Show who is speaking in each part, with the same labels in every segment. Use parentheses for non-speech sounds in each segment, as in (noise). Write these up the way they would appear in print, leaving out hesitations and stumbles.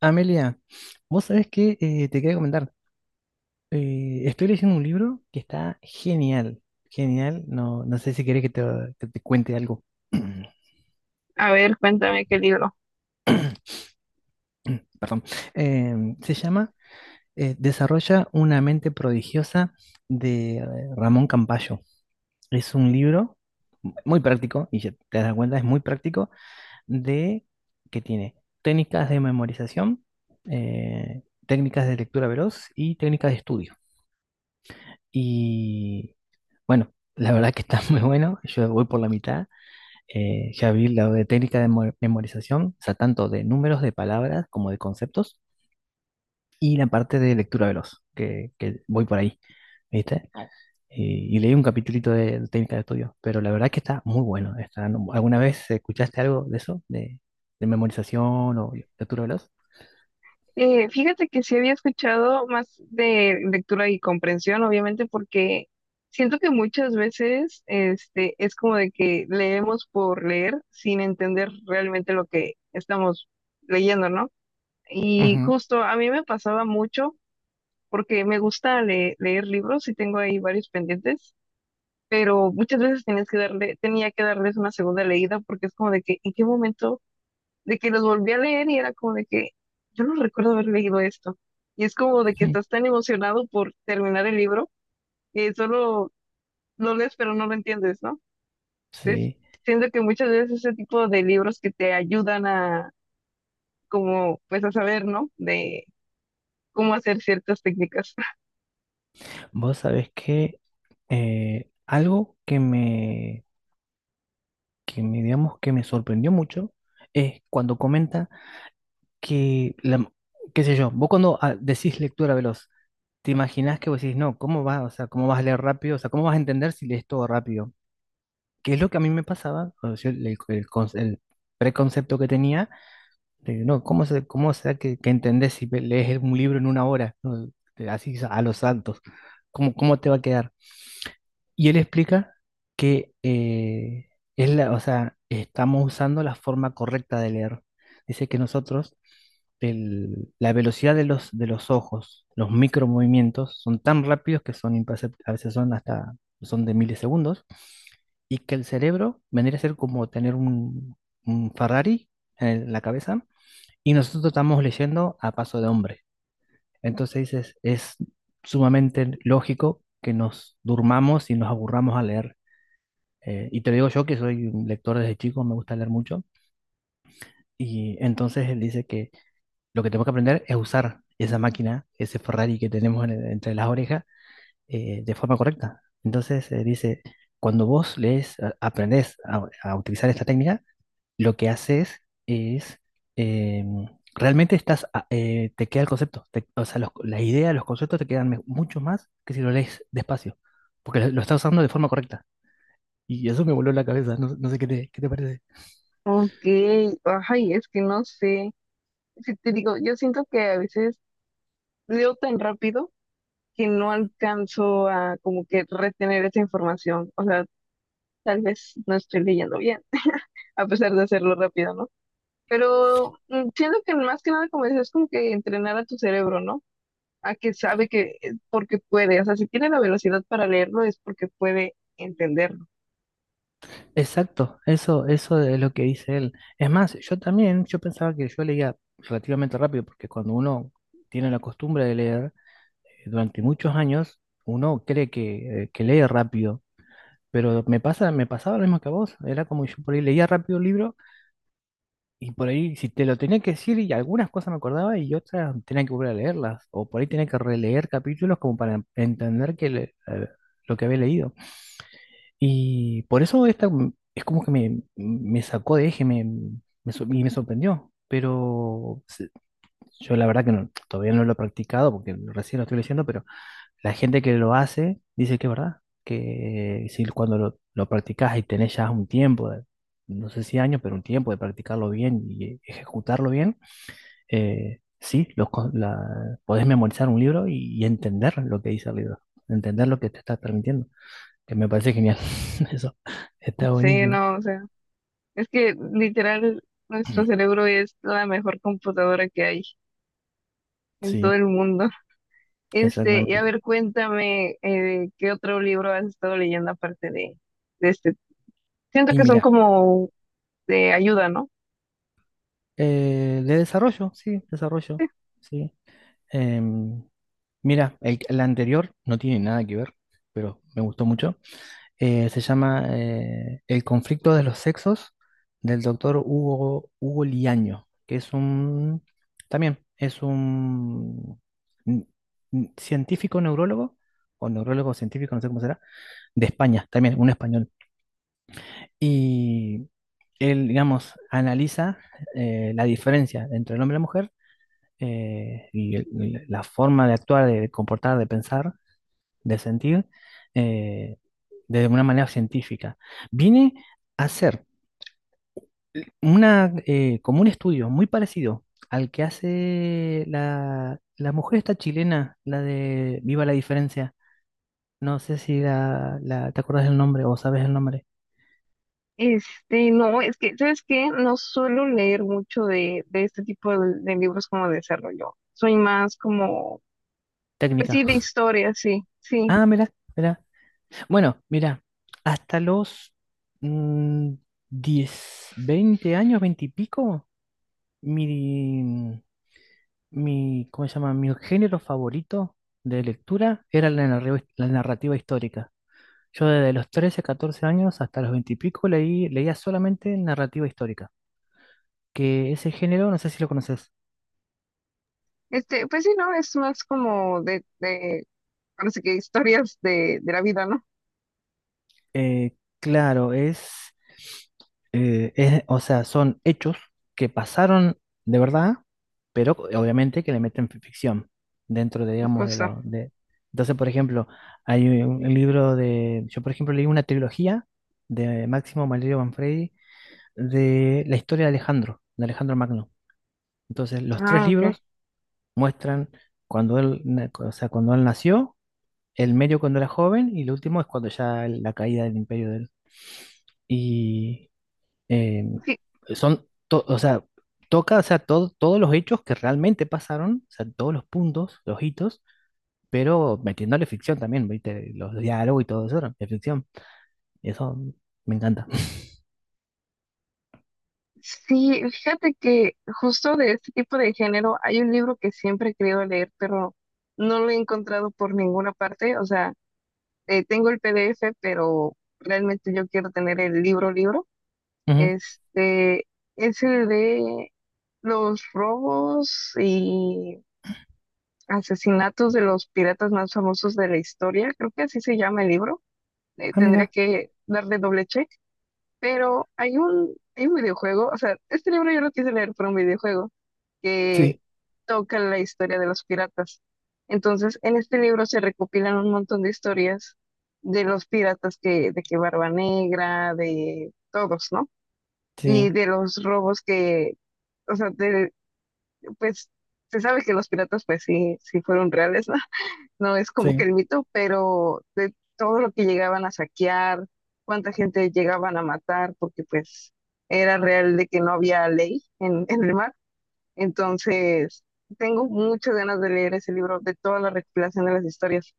Speaker 1: Amelia, vos sabés que te quería comentar. Estoy leyendo un libro que está genial, genial. No, no sé si querés que te cuente algo. (clears throat)
Speaker 2: A ver, cuéntame qué libro.
Speaker 1: Perdón. Se llama Desarrolla una mente prodigiosa de Ramón Campayo. Es un libro muy práctico, y ya te das cuenta, es muy práctico, de que tiene técnicas de memorización, eh, técnicas de lectura veloz y técnicas de estudio. Y bueno, la verdad que está (laughs) muy bueno. Yo voy por la mitad. Ya vi la de técnica de memorización, o sea, tanto de números, de palabras como de conceptos. Y la parte de lectura veloz, que voy por ahí, ¿viste? Y leí un capitulito de técnica de estudio, pero la verdad que está muy bueno. Está, no- ¿alguna vez escuchaste algo de eso? ¿De memorización o lectura veloz?
Speaker 2: Fíjate que sí había escuchado más de lectura y comprensión, obviamente, porque siento que muchas veces este, es como de que leemos por leer sin entender realmente lo que estamos leyendo, ¿no? Y
Speaker 1: Ujú,
Speaker 2: justo a mí me pasaba mucho porque me gusta leer libros y tengo ahí varios pendientes, pero muchas veces tenías que darle, tenía que darles una segunda leída porque es como de que, ¿en qué momento? De que los volví a leer y era como de que yo no recuerdo haber leído esto. Y es como de que
Speaker 1: ujú.
Speaker 2: estás tan emocionado por terminar el libro que solo lo lees pero no lo entiendes, ¿no? Entonces,
Speaker 1: Sí.
Speaker 2: siento que muchas veces ese tipo de libros que te ayudan a como pues a saber, ¿no? De cómo hacer ciertas técnicas. (laughs)
Speaker 1: Vos sabés que algo que me, digamos, que me sorprendió mucho es cuando comenta que, la, qué sé yo, vos cuando decís lectura veloz, te imaginás que vos decís, no, ¿cómo vas? O sea, ¿cómo vas a leer rápido? O sea, ¿cómo vas a entender si lees todo rápido? Que es lo que a mí me pasaba, o sea, el preconcepto que tenía, de, no, ¿cómo será que entendés si lees un libro en una hora? ¿No? Así a los saltos, ¿cómo te va a quedar? Y él explica que o sea, estamos usando la forma correcta de leer. Dice que nosotros, la velocidad de los ojos, los micromovimientos, son tan rápidos que son imperceptibles, a veces son hasta, son de milisegundos, y que el cerebro vendría a ser como tener un Ferrari en la cabeza, y nosotros estamos leyendo a paso de hombre. Entonces dices, es sumamente lógico que nos durmamos y nos aburramos a leer. Y te lo digo yo que soy un lector desde chico, me gusta leer mucho. Y entonces él dice que lo que tenemos que aprender es usar esa máquina, ese Ferrari que tenemos entre las orejas, de forma correcta. Entonces dice, cuando vos lees, aprendés a utilizar esta técnica, lo que haces es, em, realmente te queda el concepto, o sea, la idea, los conceptos te quedan mucho más que si lo lees despacio, porque lo estás usando de forma correcta. Y eso me voló la cabeza, no, no sé qué te parece.
Speaker 2: Ok, ay, es que no sé. Es que te digo, yo siento que a veces leo tan rápido que no alcanzo a como que retener esa información. O sea, tal vez no estoy leyendo bien. A pesar de hacerlo rápido, ¿no? Pero siento que más que nada, como dices, es como que entrenar a tu cerebro, ¿no? A que sabe que, porque puede, o sea, si tiene la velocidad para leerlo es porque puede entenderlo.
Speaker 1: Exacto, eso es lo que dice él. Es más, yo también, yo pensaba que yo leía relativamente rápido, porque cuando uno tiene la costumbre de leer durante muchos años, uno cree que lee rápido. Pero me pasaba lo mismo que a vos. Era como yo por ahí leía rápido el libro y por ahí si te lo tenía que decir y algunas cosas me acordaba y otras tenía que volver a leerlas. O por ahí tenía que releer capítulos como para entender lo que había leído. Y por eso es como que me sacó de eje, y me sorprendió. Yo la verdad que todavía no lo he practicado porque recién lo estoy leyendo, pero la gente que lo hace dice que es verdad, que si cuando lo practicas y tenés ya un tiempo, no sé si años, pero un tiempo de practicarlo bien y ejecutarlo bien, sí, podés memorizar un libro y entender lo que dice el libro, entender lo que te está transmitiendo, que me parece genial. (laughs) Eso está
Speaker 2: Sí,
Speaker 1: buenísimo.
Speaker 2: no, o sea, es que literal, nuestro cerebro es la mejor computadora que hay en todo
Speaker 1: Sí,
Speaker 2: el mundo. (laughs) Y a
Speaker 1: exactamente.
Speaker 2: ver, cuéntame, ¿qué otro libro has estado leyendo aparte de este? Siento
Speaker 1: Y
Speaker 2: que son
Speaker 1: mira,
Speaker 2: como de ayuda, ¿no?
Speaker 1: de desarrollo, sí, desarrollo, sí. Em, mira, la anterior no tiene nada que ver, pero me gustó mucho. Se llama El conflicto de los sexos del doctor Hugo, Hugo Liaño, también es un n- científico neurólogo, o neurólogo científico, no sé cómo será, de España, también un español. Y él, digamos, analiza la diferencia entre el hombre y la mujer, y la forma de actuar, de comportar, de pensar, de sentir, eh, de una manera científica. Viene a ser como un estudio muy parecido al que hace la mujer esta chilena, la de Viva la Diferencia. No sé si te acordás del nombre o sabes el nombre.
Speaker 2: No, es que, ¿sabes qué? No suelo leer mucho de este tipo de libros como de desarrollo. Soy más como, pues
Speaker 1: Técnica.
Speaker 2: sí, de
Speaker 1: (laughs)
Speaker 2: historia, sí, sí.
Speaker 1: Mira, mira. Bueno, mira, hasta los mm, 10, 20 años, 20 y pico. Mi, ¿Cómo se llama? Mi género favorito de lectura era la narrativa histórica. Yo desde los 13, 14 años hasta los 20 y pico leía solamente narrativa histórica, que ese género, no sé si lo conoces.
Speaker 2: Pues sí, no, es más como de, ahora sí que historias de la vida, ¿no?
Speaker 1: Eh, claro, o sea, son hechos que pasaron de verdad, pero obviamente que le meten ficción dentro de, digamos, de
Speaker 2: Justo.
Speaker 1: la. De. Entonces, por ejemplo, hay un libro de. Yo, por ejemplo, leí una trilogía de Máximo Valerio Manfredi de la historia de Alejandro Magno. Entonces, los tres
Speaker 2: Ah, ok.
Speaker 1: libros muestran cuando o sea, cuando él nació, el medio cuando era joven y el último es cuando ya la caída del imperio de él, y eh,
Speaker 2: Fí-
Speaker 1: o sea, toca, o sea, todos los hechos que realmente pasaron, o sea, todos los puntos, los hitos, pero metiéndole ficción también, ¿viste? Los diálogos y todo eso, ¿no?, es ficción. Y eso me encanta.
Speaker 2: Sí, fíjate que justo de este tipo de género hay un libro que siempre he querido leer, pero no lo he encontrado por ninguna parte. O sea, tengo el PDF, pero realmente yo quiero tener el libro, libro.
Speaker 1: Ujú.
Speaker 2: Este, ese de los robos y asesinatos de los piratas más famosos de la historia, creo que así se llama el libro. Eh, tendré
Speaker 1: Mira,
Speaker 2: que darle doble check, pero hay un videojuego, o sea, este libro yo lo quise leer por un videojuego que
Speaker 1: sí,
Speaker 2: toca la historia de los piratas. Entonces, en este libro se recopilan un montón de historias de los piratas que, de que Barba Negra, de todos, ¿no?
Speaker 1: sí,
Speaker 2: Y de los robos que, o sea, de- pues se sabe que los piratas pues sí, sí fueron reales, ¿no? (laughs) No es como que
Speaker 1: sí,
Speaker 2: el mito, pero de todo lo que llegaban a saquear, cuánta gente llegaban a matar, porque pues era real de que no había ley en el mar. Entonces, tengo muchas ganas de leer ese libro, de toda la recopilación de las historias,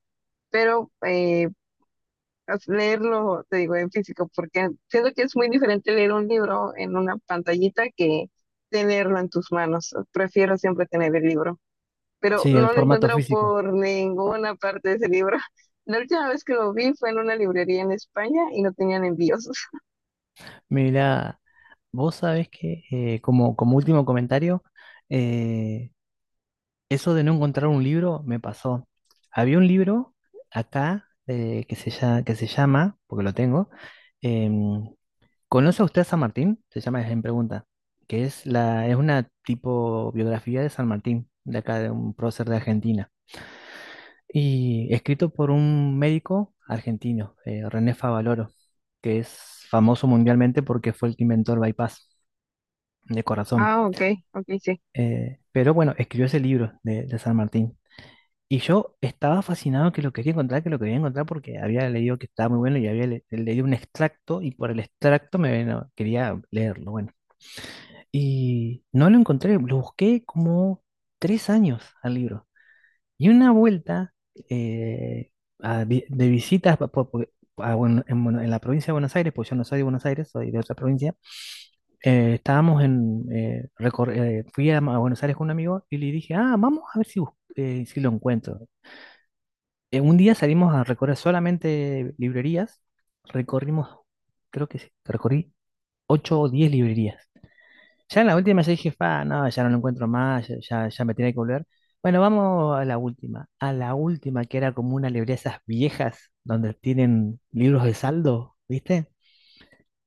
Speaker 2: pero leerlo, te digo, en físico, porque siento que es muy diferente leer un libro en una pantallita que tenerlo en tus manos. Prefiero siempre tener el libro, pero
Speaker 1: sí, el
Speaker 2: no lo
Speaker 1: formato
Speaker 2: encuentro
Speaker 1: físico.
Speaker 2: por ninguna parte de ese libro. (laughs) La última vez que lo vi fue en una librería en España y no tenían envíos. (laughs)
Speaker 1: Mira, vos sabés que, como último comentario, eh, Eso de no encontrar un libro me pasó. Había un libro acá, que se llama, porque lo tengo. em, ¿Conoce usted a San Martín? Se llama es en pregunta, que es una tipo biografía de San Martín, de acá, de un prócer de Argentina. Y escrito por un médico argentino, René Favaloro, que es famoso mundialmente porque fue el que inventó el bypass de corazón.
Speaker 2: Ah, ok, ok, sí.
Speaker 1: Pero bueno, escribió ese libro de San Martín. Y yo estaba fascinado, que lo quería encontrar, que lo quería encontrar porque había leído que estaba muy bueno y había leído un extracto y por el extracto me no, quería leerlo, bueno. Y no lo encontré, lo busqué como 3 años al libro. Y una vuelta, eh, de visitas pa- po- po- a Buen- en, Bueno- en la provincia de Buenos Aires, pues yo no soy de Buenos Aires, soy de otra provincia. Eh, estábamos en, recor- fui a, Ma- a Buenos Aires con un amigo y le dije, ah, vamos a ver si lo encuentro. Un día salimos a recorrer solamente librerías, recorrimos, creo que sí, recorrí 8 o 10 librerías. Ya en la última ya dije, fa, no, ya no lo encuentro más, ya, ya, ya me tenía que volver. Bueno, vamos a la última que era como una librería esas viejas donde tienen libros de saldo, ¿viste?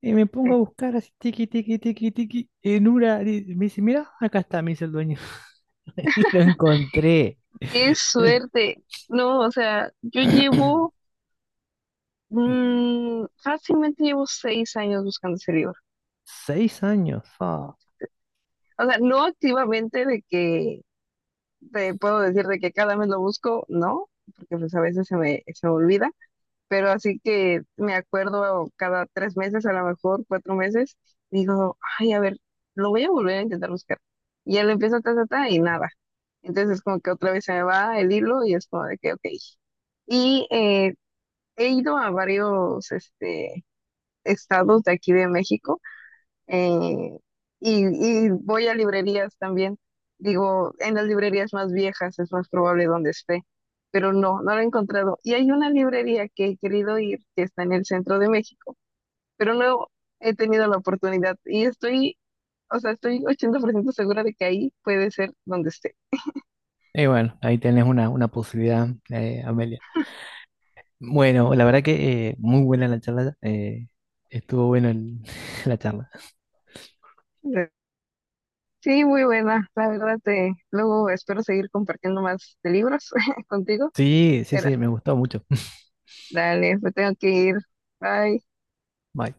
Speaker 1: Y me pongo
Speaker 2: Sí.
Speaker 1: a buscar así, tiqui, tiqui, tiqui, tiqui, en una, y me dice, mira, acá está, me dice el dueño. (laughs) Y lo encontré.
Speaker 2: Qué
Speaker 1: Lo en-
Speaker 2: suerte. No, o sea, yo llevo, fácilmente llevo 6 años buscando ese libro.
Speaker 1: (clears throat) 6 años, fa.
Speaker 2: O sea, no activamente de que te puedo decir de que cada mes lo busco, no, porque pues a veces se me olvida, pero así que me acuerdo cada 3 meses, a lo mejor 4 meses, digo, ay, a ver, lo voy a volver a intentar buscar. Y ya lo empiezo ta, ta, ta, y nada. Entonces es como que otra vez se me va el hilo y es como de que, ok. Y he ido a varios estados de aquí de México eh, y, y voy a librerías también. Digo, en las librerías más viejas es más probable donde esté, pero no, no la he encontrado. Y hay una librería que he querido ir, que está en el centro de México, pero no he tenido la oportunidad y estoy, o sea, estoy 80% segura de que ahí puede ser donde esté.
Speaker 1: Y bueno, ahí tenés una posibilidad, Amelia. Bueno, la verdad que muy buena la charla. Estuvo bueno (laughs) la charla.
Speaker 2: Sí, muy buena, la verdad, luego espero seguir compartiendo más de libros (laughs) contigo,
Speaker 1: Sí, sí,
Speaker 2: pero
Speaker 1: sí, me gustó mucho. (laughs)
Speaker 2: dale, me tengo que ir. Bye.
Speaker 1: Bye.